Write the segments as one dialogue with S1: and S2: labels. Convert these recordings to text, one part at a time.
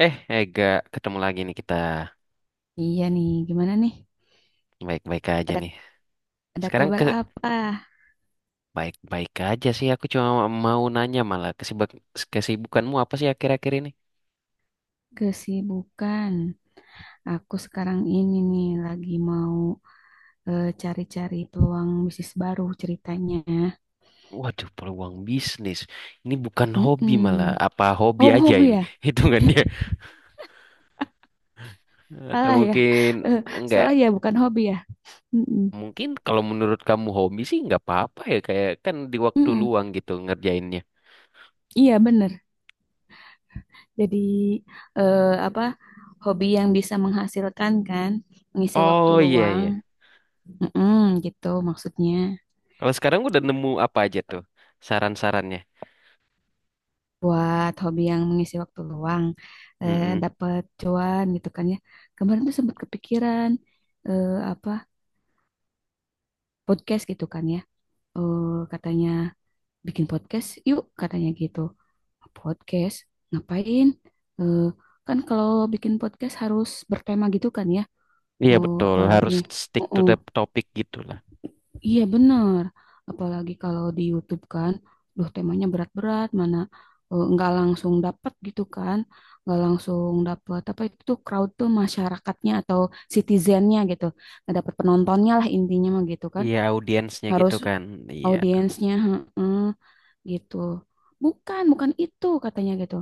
S1: Eh, Ega, ketemu lagi nih kita.
S2: Iya nih, gimana nih?
S1: Baik-baik aja
S2: Ada
S1: nih. Sekarang
S2: kabar apa?
S1: baik-baik aja sih. Aku cuma mau nanya malah kesibukanmu apa sih akhir-akhir ini?
S2: Kesibukan. Aku sekarang ini nih lagi mau cari-cari peluang bisnis baru ceritanya.
S1: Waduh, peluang bisnis. Ini bukan hobi malah.
S2: Mm-mm.
S1: Apa hobi
S2: Oh,
S1: aja
S2: hobi
S1: ini
S2: ya?
S1: hitungannya? Atau
S2: Salah ya.
S1: mungkin
S2: Eh,
S1: enggak?
S2: Salah ya, bukan hobi ya. Mm-mm.
S1: Mungkin kalau menurut kamu hobi sih nggak apa-apa ya. Kayak kan di waktu
S2: Mm-mm.
S1: luang gitu ngerjainnya.
S2: Iya, bener. Jadi apa? Hobi yang bisa menghasilkan kan, mengisi waktu
S1: Oh, iya
S2: luang.
S1: iya.
S2: Mm-mm, gitu maksudnya.
S1: Kalau sekarang udah nemu apa aja tuh saran-sarannya?
S2: Buat hobi yang mengisi waktu luang
S1: Mm-mm.
S2: dapat cuan gitu kan ya, kemarin tuh sempat kepikiran, apa, podcast gitu kan ya. Eh, Katanya bikin podcast yuk katanya gitu. Podcast ngapain? Eh, Kan kalau bikin podcast harus bertema gitu kan ya,
S1: Iya
S2: oh
S1: betul,
S2: apalagi.
S1: harus stick
S2: Oh,
S1: to
S2: oh.
S1: the topic gitu lah.
S2: Iya benar, apalagi kalau di YouTube kan, duh temanya berat-berat, mana nggak langsung dapat gitu kan, nggak langsung dapat apa itu tuh crowd tuh masyarakatnya atau citizennya gitu, nggak dapat penontonnya lah intinya mah gitu kan,
S1: Iya, audiensnya gitu
S2: harus
S1: kan. Iya.
S2: audiensnya heeh, gitu, bukan bukan itu katanya gitu,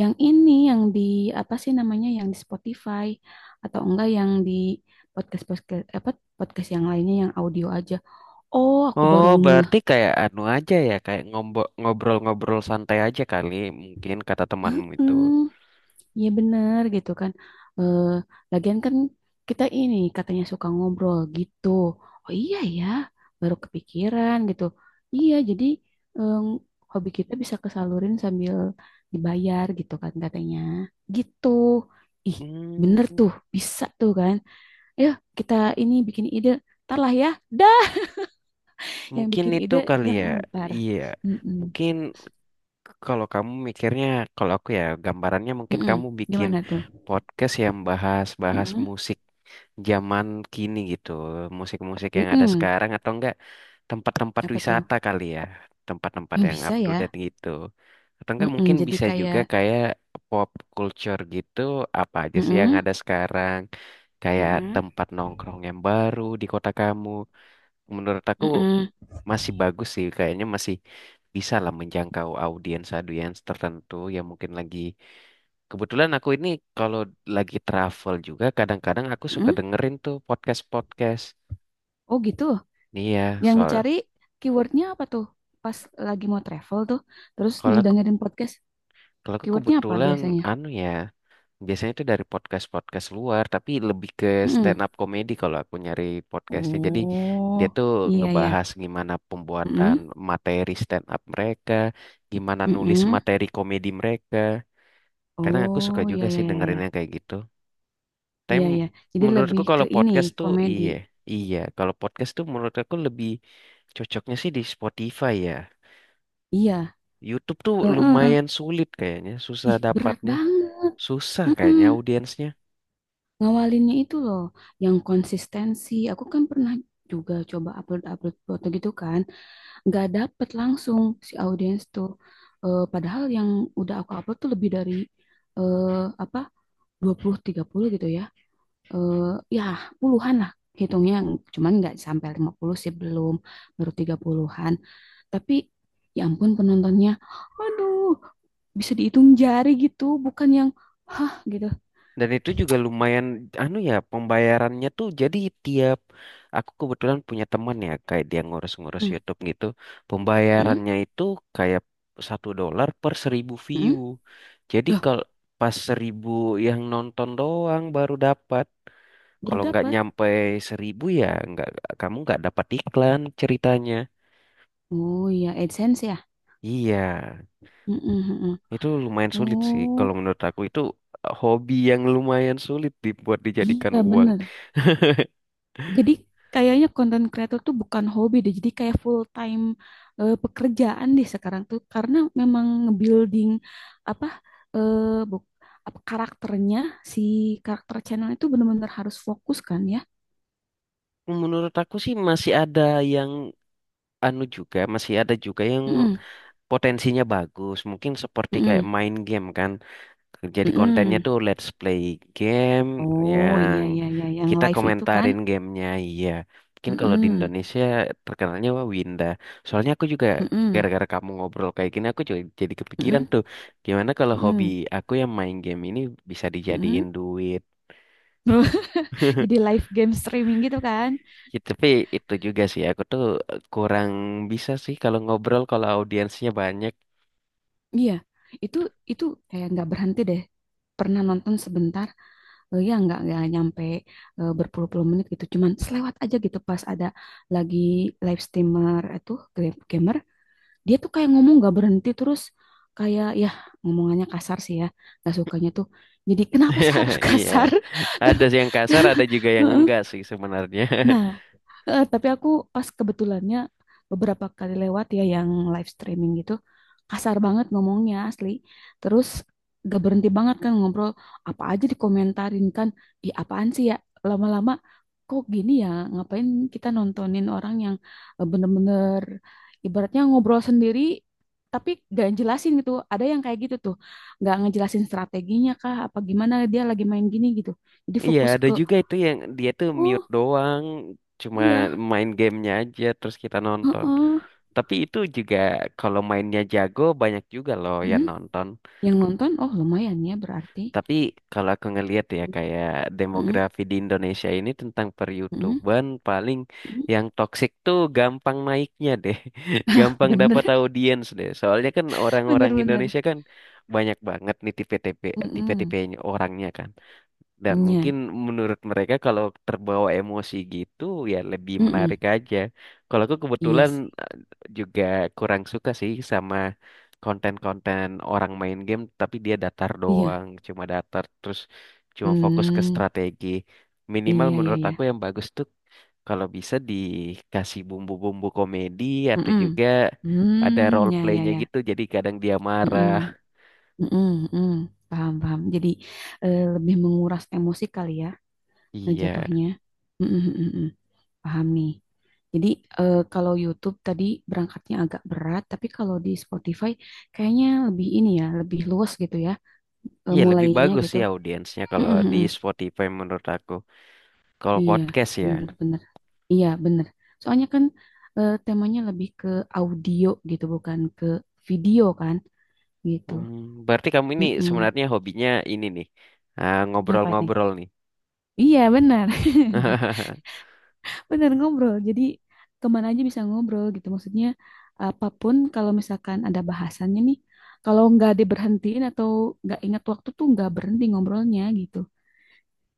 S2: yang ini yang di apa sih namanya yang di Spotify atau enggak yang di podcast podcast apa, podcast yang lainnya yang audio aja. Oh, aku
S1: Oh,
S2: baru ngeh.
S1: berarti kayak anu aja ya, kayak ngobrol-ngobrol santai aja kali mungkin kata temanmu itu.
S2: Hmm, ya benar gitu kan. Eh, Lagian kan kita ini katanya suka ngobrol gitu. Oh iya ya, baru kepikiran gitu. Iya, jadi em, hobi kita bisa kesalurin sambil dibayar gitu kan katanya. Gitu. Ih, bener
S1: Hmm,
S2: tuh, bisa tuh kan. Ayo kita ini bikin ide. Ntar lah ya. Dah, yang
S1: mungkin
S2: bikin
S1: itu
S2: ide
S1: kali
S2: yang
S1: ya.
S2: entar.
S1: Iya.
S2: Mm-mm.
S1: Mungkin kalau kamu mikirnya, kalau aku ya gambarannya mungkin
S2: Mm-mm.
S1: kamu bikin
S2: Gimana tuh?
S1: podcast yang bahas-bahas
S2: Mm-mm.
S1: musik zaman kini gitu, musik-musik yang ada
S2: Mm-mm.
S1: sekarang atau enggak tempat-tempat
S2: Apa tuh?
S1: wisata kali ya, tempat-tempat
S2: Hmm,
S1: yang up
S2: bisa
S1: to
S2: ya.
S1: date gitu. Atau enggak
S2: Mm-mm,
S1: mungkin
S2: jadi
S1: bisa
S2: kayak,
S1: juga kayak pop culture gitu, apa aja sih yang
S2: mm-mm.
S1: ada sekarang, kayak
S2: Mm-mm.
S1: tempat nongkrong yang baru di kota kamu. Menurut aku
S2: Mm-mm,
S1: masih bagus sih kayaknya, masih bisa lah menjangkau audiens audiens tertentu yang mungkin lagi. Kebetulan aku ini kalau lagi travel juga kadang-kadang aku suka
S2: mm-mm.
S1: dengerin tuh podcast podcast
S2: Oh gitu.
S1: nih ya
S2: Yang
S1: soal,
S2: dicari keywordnya apa tuh? Pas lagi mau travel tuh, terus
S1: kalau aku
S2: dengerin podcast,
S1: kalau aku
S2: keywordnya apa
S1: kebetulan
S2: biasanya?
S1: anu ya, biasanya itu dari podcast podcast luar, tapi lebih ke stand
S2: Mm-mm.
S1: up comedy kalau aku nyari podcastnya. Jadi dia
S2: Oh,
S1: tuh
S2: iya ya.
S1: ngebahas gimana pembuatan
S2: Mm-mm,
S1: materi stand up mereka, gimana nulis
S2: mm-mm.
S1: materi komedi mereka. Karena aku suka
S2: Oh, iya
S1: juga
S2: ya
S1: sih
S2: ya ya.
S1: dengerin yang kayak gitu. Tapi
S2: Iya ya. Jadi
S1: menurutku
S2: lebih ke
S1: kalau
S2: ini,
S1: podcast tuh
S2: komedi.
S1: iya, iya. Kalau podcast tuh menurut aku lebih cocoknya sih di Spotify ya.
S2: Iya.
S1: YouTube tuh
S2: Eh, eh.
S1: lumayan sulit kayaknya, susah
S2: Ih, berat
S1: dapatnya,
S2: banget.
S1: susah kayaknya
S2: Mm-mm.
S1: audiensnya.
S2: Ngawalinnya itu loh yang konsistensi, aku kan pernah juga coba upload upload foto gitu kan, nggak dapet langsung si audiens tuh. Padahal yang udah aku upload tuh lebih dari eh, apa, 20 30 gitu ya. Eh, Ya puluhan lah hitungnya, cuman nggak sampai 50 sih, belum, baru 30-an. Tapi ya ampun penontonnya, aduh, bisa dihitung jari gitu, bukan yang hah gitu.
S1: Dan itu juga lumayan, anu ya, pembayarannya tuh jadi tiap, aku kebetulan punya teman ya, kayak dia ngurus-ngurus
S2: Hmm,
S1: YouTube gitu,
S2: hmm,
S1: pembayarannya itu kayak $1 per 1.000 view.
S2: hmm.
S1: Jadi
S2: Loh,
S1: kalau pas 1.000 yang nonton doang baru dapat.
S2: baru
S1: Kalau nggak
S2: dapat.
S1: nyampe 1.000 ya, nggak kamu nggak dapat iklan ceritanya.
S2: Oh iya, AdSense ya?
S1: Iya,
S2: Mm-mm, mm-mm.
S1: itu lumayan sulit sih. Kalau
S2: Oh
S1: menurut aku itu hobi yang lumayan sulit dibuat dijadikan
S2: iya
S1: uang.
S2: bener. Jadi kayaknya konten creator tuh bukan hobi deh, jadi kayak full time pekerjaan deh sekarang tuh, karena memang nge-building apa, eh buk, apa karakternya si karakter channel itu bener-bener harus fokus kan ya?
S1: Menurut aku sih masih ada yang anu juga, masih ada juga yang
S2: Mm-mm,
S1: potensinya bagus. Mungkin seperti kayak
S2: mm-mm,
S1: main game kan. Jadi kontennya
S2: mm-mm.
S1: tuh let's play game
S2: Oh iya
S1: yang
S2: iya iya yang
S1: kita
S2: live itu kan?
S1: komentarin gamenya. Iya. Mungkin kalau di
S2: Mm-mm,
S1: Indonesia terkenalnya wah Winda. Soalnya aku juga
S2: mm-mm,
S1: gara-gara kamu ngobrol kayak gini aku juga jadi kepikiran
S2: mm-mm,
S1: tuh. Gimana kalau hobi
S2: mm-mm,
S1: aku yang main game ini bisa dijadiin
S2: mm-mm.
S1: duit.
S2: Jadi live game streaming gitu kan?
S1: Ya, tapi itu juga sih, aku tuh kurang bisa sih kalau ngobrol kalau audiensnya banyak.
S2: Iya, itu itu kayak nggak berhenti deh. Pernah nonton sebentar, ya nggak, berpuluh-puluh menit gitu. Cuman selewat aja gitu pas ada lagi live streamer itu, gamer, dia tuh kayak ngomong nggak berhenti terus kayak ya, ngomongannya kasar sih ya, nggak sukanya tuh. Jadi kenapa sih harus
S1: Iya,
S2: kasar?
S1: ada
S2: Terus,
S1: sih yang kasar, ada juga yang
S2: heeh.
S1: enggak sih sebenarnya.
S2: Nah, Tapi aku pas kebetulannya beberapa kali lewat ya yang live streaming gitu kasar banget ngomongnya asli. Terus gak berhenti banget kan ngobrol, apa aja dikomentarin kan. Ih apaan sih ya, lama-lama kok gini ya, ngapain kita nontonin orang yang bener-bener ibaratnya ngobrol sendiri tapi gak jelasin gitu. Ada yang kayak gitu tuh gak ngejelasin strateginya kah apa gimana dia lagi main gini gitu. Jadi
S1: Iya,
S2: fokus
S1: ada
S2: ke,
S1: juga itu yang dia tuh mute
S2: oh
S1: doang, cuma
S2: iya
S1: main gamenya aja terus kita nonton.
S2: heeh.
S1: Tapi itu juga kalau mainnya jago banyak juga loh yang
S2: Mm,
S1: nonton.
S2: yang nonton, oh lumayan ya berarti.
S1: Tapi kalau aku ngelihat ya kayak
S2: Mm-mm,
S1: demografi di Indonesia ini tentang
S2: mm-mm,
S1: peryoutuban paling
S2: mm-mm.
S1: yang toksik tuh gampang naiknya deh. Gampang dapat
S2: Bener,
S1: audiens deh. Soalnya kan
S2: bener,
S1: orang-orang
S2: bener.
S1: Indonesia kan banyak banget nih
S2: Mm-mm,
S1: tipe-tipenya orangnya kan. Dan
S2: iya,
S1: mungkin menurut mereka kalau terbawa emosi gitu ya lebih menarik
S2: mm-mm.
S1: aja. Kalau aku
S2: Iya
S1: kebetulan
S2: sih.
S1: eh, juga kurang suka sih sama konten-konten orang main game, tapi dia datar
S2: Iya.
S1: doang, cuma datar terus cuma fokus ke
S2: Hmm,
S1: strategi. Minimal
S2: iya, iya,
S1: menurut
S2: iya.
S1: aku yang bagus tuh kalau bisa dikasih bumbu-bumbu komedi atau
S2: Mm-mm.
S1: juga ada
S2: Hmm,
S1: role
S2: ya, ya,
S1: play-nya
S2: ya.
S1: gitu jadi kadang dia
S2: Mm-mm,
S1: marah.
S2: mm-mm, mm. Paham, paham. Jadi lebih menguras emosi kali ya,
S1: Iya.
S2: jatuhnya. Mm-mm, mm-mm, mm. Paham nih. Jadi kalau YouTube tadi berangkatnya agak berat, tapi kalau di Spotify kayaknya lebih ini ya, lebih luas gitu ya.
S1: Iya, lebih
S2: Mulainya
S1: bagus
S2: gitu.
S1: sih audiensnya
S2: Mm,
S1: kalau
S2: mm,
S1: di
S2: mm.
S1: Spotify menurut aku. Kalau
S2: Iya,
S1: podcast ya.
S2: bener-bener. Iya, bener. Soalnya kan temanya lebih ke audio gitu, bukan ke video kan gitu.
S1: Hmm, berarti kamu ini
S2: Mm-mm.
S1: sebenarnya hobinya ini nih. Ah,
S2: Apa nih?
S1: ngobrol-ngobrol nih.
S2: Iya, bener. Bener ngobrol. Jadi kemana aja bisa ngobrol gitu. Maksudnya apapun kalau misalkan ada bahasannya nih, kalau nggak diberhentiin atau nggak ingat waktu tuh nggak berhenti ngobrolnya gitu.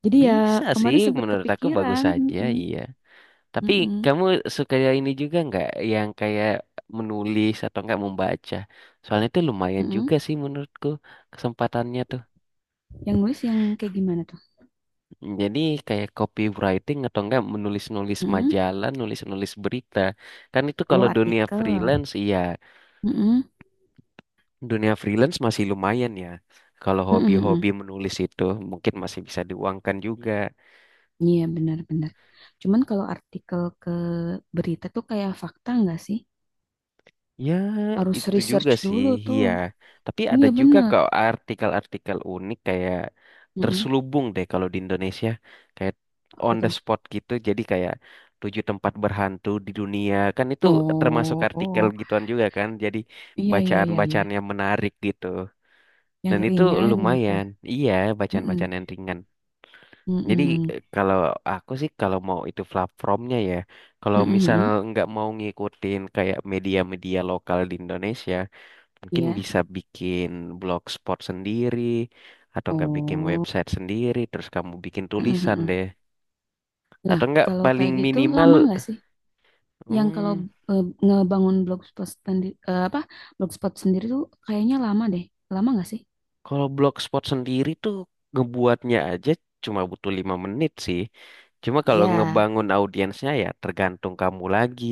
S2: Jadi ya
S1: Bisa sih,
S2: kemarin sempat
S1: menurut aku bagus
S2: kepikiran.
S1: saja,
S2: Mm-mm.
S1: iya. Tapi
S2: Mm-mm.
S1: kamu suka ini juga nggak yang kayak menulis atau nggak membaca? Soalnya itu lumayan
S2: Mm-mm.
S1: juga sih menurutku kesempatannya tuh.
S2: Yang nulis yang kayak gimana tuh?
S1: Jadi kayak copywriting atau enggak menulis-nulis
S2: Mm-mm.
S1: majalah, nulis-nulis berita. Kan itu
S2: Oh,
S1: kalau dunia
S2: artikel.
S1: freelance, iya.
S2: Mm-mm.
S1: Dunia freelance masih lumayan ya. Kalau
S2: Mm-mm, mm-mm.
S1: hobi-hobi menulis itu mungkin masih bisa diuangkan juga.
S2: Iya, benar-benar. Cuman kalau artikel ke berita tuh kayak fakta nggak sih?
S1: Ya,
S2: Harus
S1: itu juga
S2: research
S1: sih,
S2: dulu tuh.
S1: iya. Tapi ada
S2: Iya,
S1: juga
S2: benar.
S1: kok artikel-artikel unik kayak
S2: Mm-mm.
S1: terselubung deh kalau di Indonesia. Kayak
S2: Apa
S1: on the
S2: tuh?
S1: spot gitu, jadi kayak tujuh tempat berhantu di dunia. Kan itu termasuk artikel
S2: Oh,
S1: gituan juga kan. Jadi
S2: iya, iya, iya, iya.
S1: bacaan-bacaan yang menarik gitu.
S2: Yang
S1: Dan itu
S2: ringan gitu.
S1: lumayan, iya,
S2: Mm-mm.
S1: bacaan-bacaan yang ringan. Jadi
S2: Mm-mm.
S1: kalau aku sih kalau mau itu platformnya ya, kalau misal
S2: Mm-mm.
S1: nggak mau ngikutin kayak media-media lokal di Indonesia, mungkin
S2: Iya.
S1: bisa bikin blogspot sendiri atau enggak bikin
S2: Oh.
S1: website sendiri terus kamu bikin tulisan
S2: Mm-mm.
S1: deh.
S2: Lah,
S1: Atau enggak
S2: kalau
S1: paling
S2: kayak gitu lama
S1: minimal,
S2: nggak sih? Yang kalau
S1: hmm,
S2: ngebangun blogspot sendiri, apa, blogspot sendiri tuh kayaknya lama deh. Lama nggak sih?
S1: kalau blogspot sendiri tuh ngebuatnya aja cuma butuh 5 menit sih. Cuma kalau
S2: Iya,
S1: ngebangun audiensnya ya tergantung kamu lagi,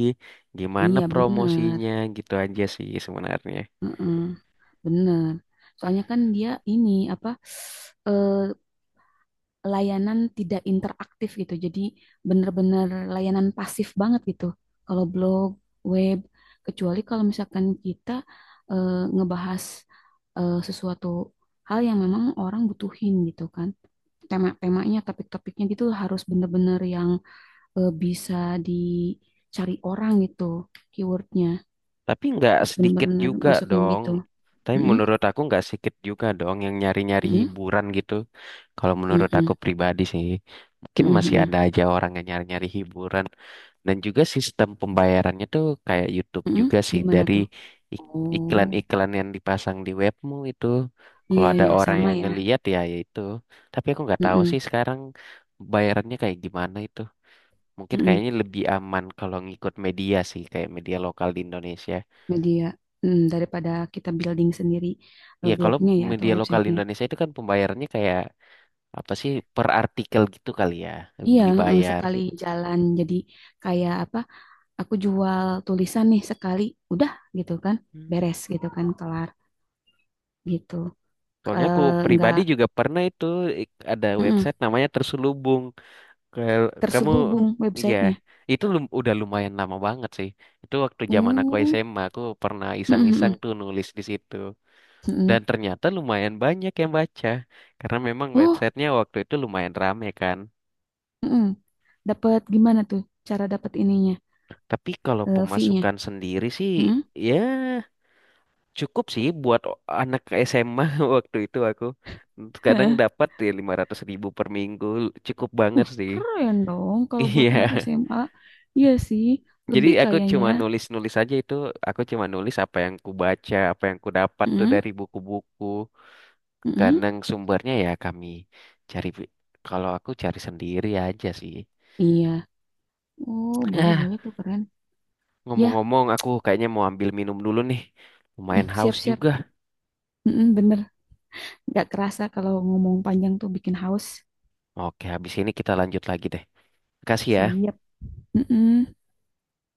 S1: gimana
S2: iya bener,
S1: promosinya gitu aja sih sebenarnya.
S2: heeh, bener. Soalnya kan dia ini apa, eh, layanan tidak interaktif gitu. Jadi bener-bener layanan pasif banget gitu. Kalau blog, web, kecuali kalau misalkan kita ngebahas sesuatu hal yang memang orang butuhin gitu kan. Tema-temanya, topik-topiknya gitu harus bener-bener yang bisa dicari orang gitu keywordnya.
S1: Tapi nggak
S2: Harus
S1: sedikit
S2: bener-bener
S1: juga
S2: masukin
S1: dong.
S2: gitu.
S1: Tapi
S2: Mm-mm,
S1: menurut aku nggak sedikit juga dong yang nyari-nyari
S2: mm-mm,
S1: hiburan gitu. Kalau menurut
S2: mm-mm,
S1: aku pribadi sih, mungkin
S2: mm-mm,
S1: masih
S2: mm-mm,
S1: ada aja orang yang nyari-nyari hiburan. Dan juga sistem pembayarannya tuh kayak YouTube
S2: mm-mm.
S1: juga sih
S2: Gimana
S1: dari
S2: tuh?
S1: ik-
S2: Oh,
S1: iklan-iklan yang dipasang di webmu itu. Kalau
S2: iya
S1: ada
S2: ya
S1: orang
S2: sama
S1: yang
S2: ya.
S1: ngeliat ya ya itu. Tapi aku nggak tahu sih
S2: Mm-mm,
S1: sekarang bayarannya kayak gimana itu. Mungkin
S2: mm-mm.
S1: kayaknya lebih aman kalau ngikut media sih, kayak media lokal di Indonesia.
S2: Media, mm, daripada kita building sendiri
S1: Iya, kalau
S2: blognya ya atau
S1: media lokal
S2: websitenya.
S1: Indonesia itu kan pembayarannya kayak apa sih per artikel gitu kali ya,
S2: Iya,
S1: dibayar.
S2: sekali jalan jadi kayak apa? Aku jual tulisan nih sekali, udah, gitu kan,
S1: Hmm.
S2: beres gitu kan, kelar, gitu.
S1: Soalnya aku
S2: Eh, nggak,
S1: pribadi juga pernah itu ada
S2: mm-mm,
S1: website namanya Terselubung. Kayak- Kamu,
S2: terselubung
S1: iya,
S2: websitenya.
S1: itu udah lumayan lama banget sih. Itu waktu zaman aku
S2: Oh,
S1: SMA, aku pernah
S2: mm-mm,
S1: iseng-iseng
S2: mm-mm.
S1: tuh nulis di situ. Dan ternyata lumayan banyak yang baca, karena memang
S2: Oh,
S1: websitenya waktu itu lumayan rame kan.
S2: mm-mm. Dapat gimana tuh, cara dapat ininya,
S1: Tapi kalau
S2: fee-nya?
S1: pemasukan sendiri sih,
S2: Mm-mm.
S1: ya cukup sih buat anak SMA waktu itu aku. Kadang
S2: Hah?
S1: dapat ya 500.000 per minggu. Cukup banget sih.
S2: Keren dong kalau
S1: Iya.
S2: buat anak SMA. Iya sih,
S1: Jadi
S2: lebih
S1: aku
S2: kayaknya.
S1: cuma nulis-nulis aja itu. Aku cuma nulis apa yang ku baca, apa yang ku dapat tuh
S2: Mm-mm,
S1: dari buku-buku.
S2: mm-mm.
S1: Kadang sumbernya ya kami cari. Kalau aku cari sendiri aja sih.
S2: Iya. Oh, boleh
S1: Ah,
S2: boleh tuh keren. Ya,
S1: ngomong-ngomong aku kayaknya mau ambil minum dulu nih.
S2: mm,
S1: Lumayan haus
S2: siap-siap.
S1: juga.
S2: Mm-mm, bener, nggak kerasa kalau ngomong panjang tuh bikin haus.
S1: Oke, habis ini kita lanjut lagi deh. Kasih ya.
S2: Siap. Mm-mm.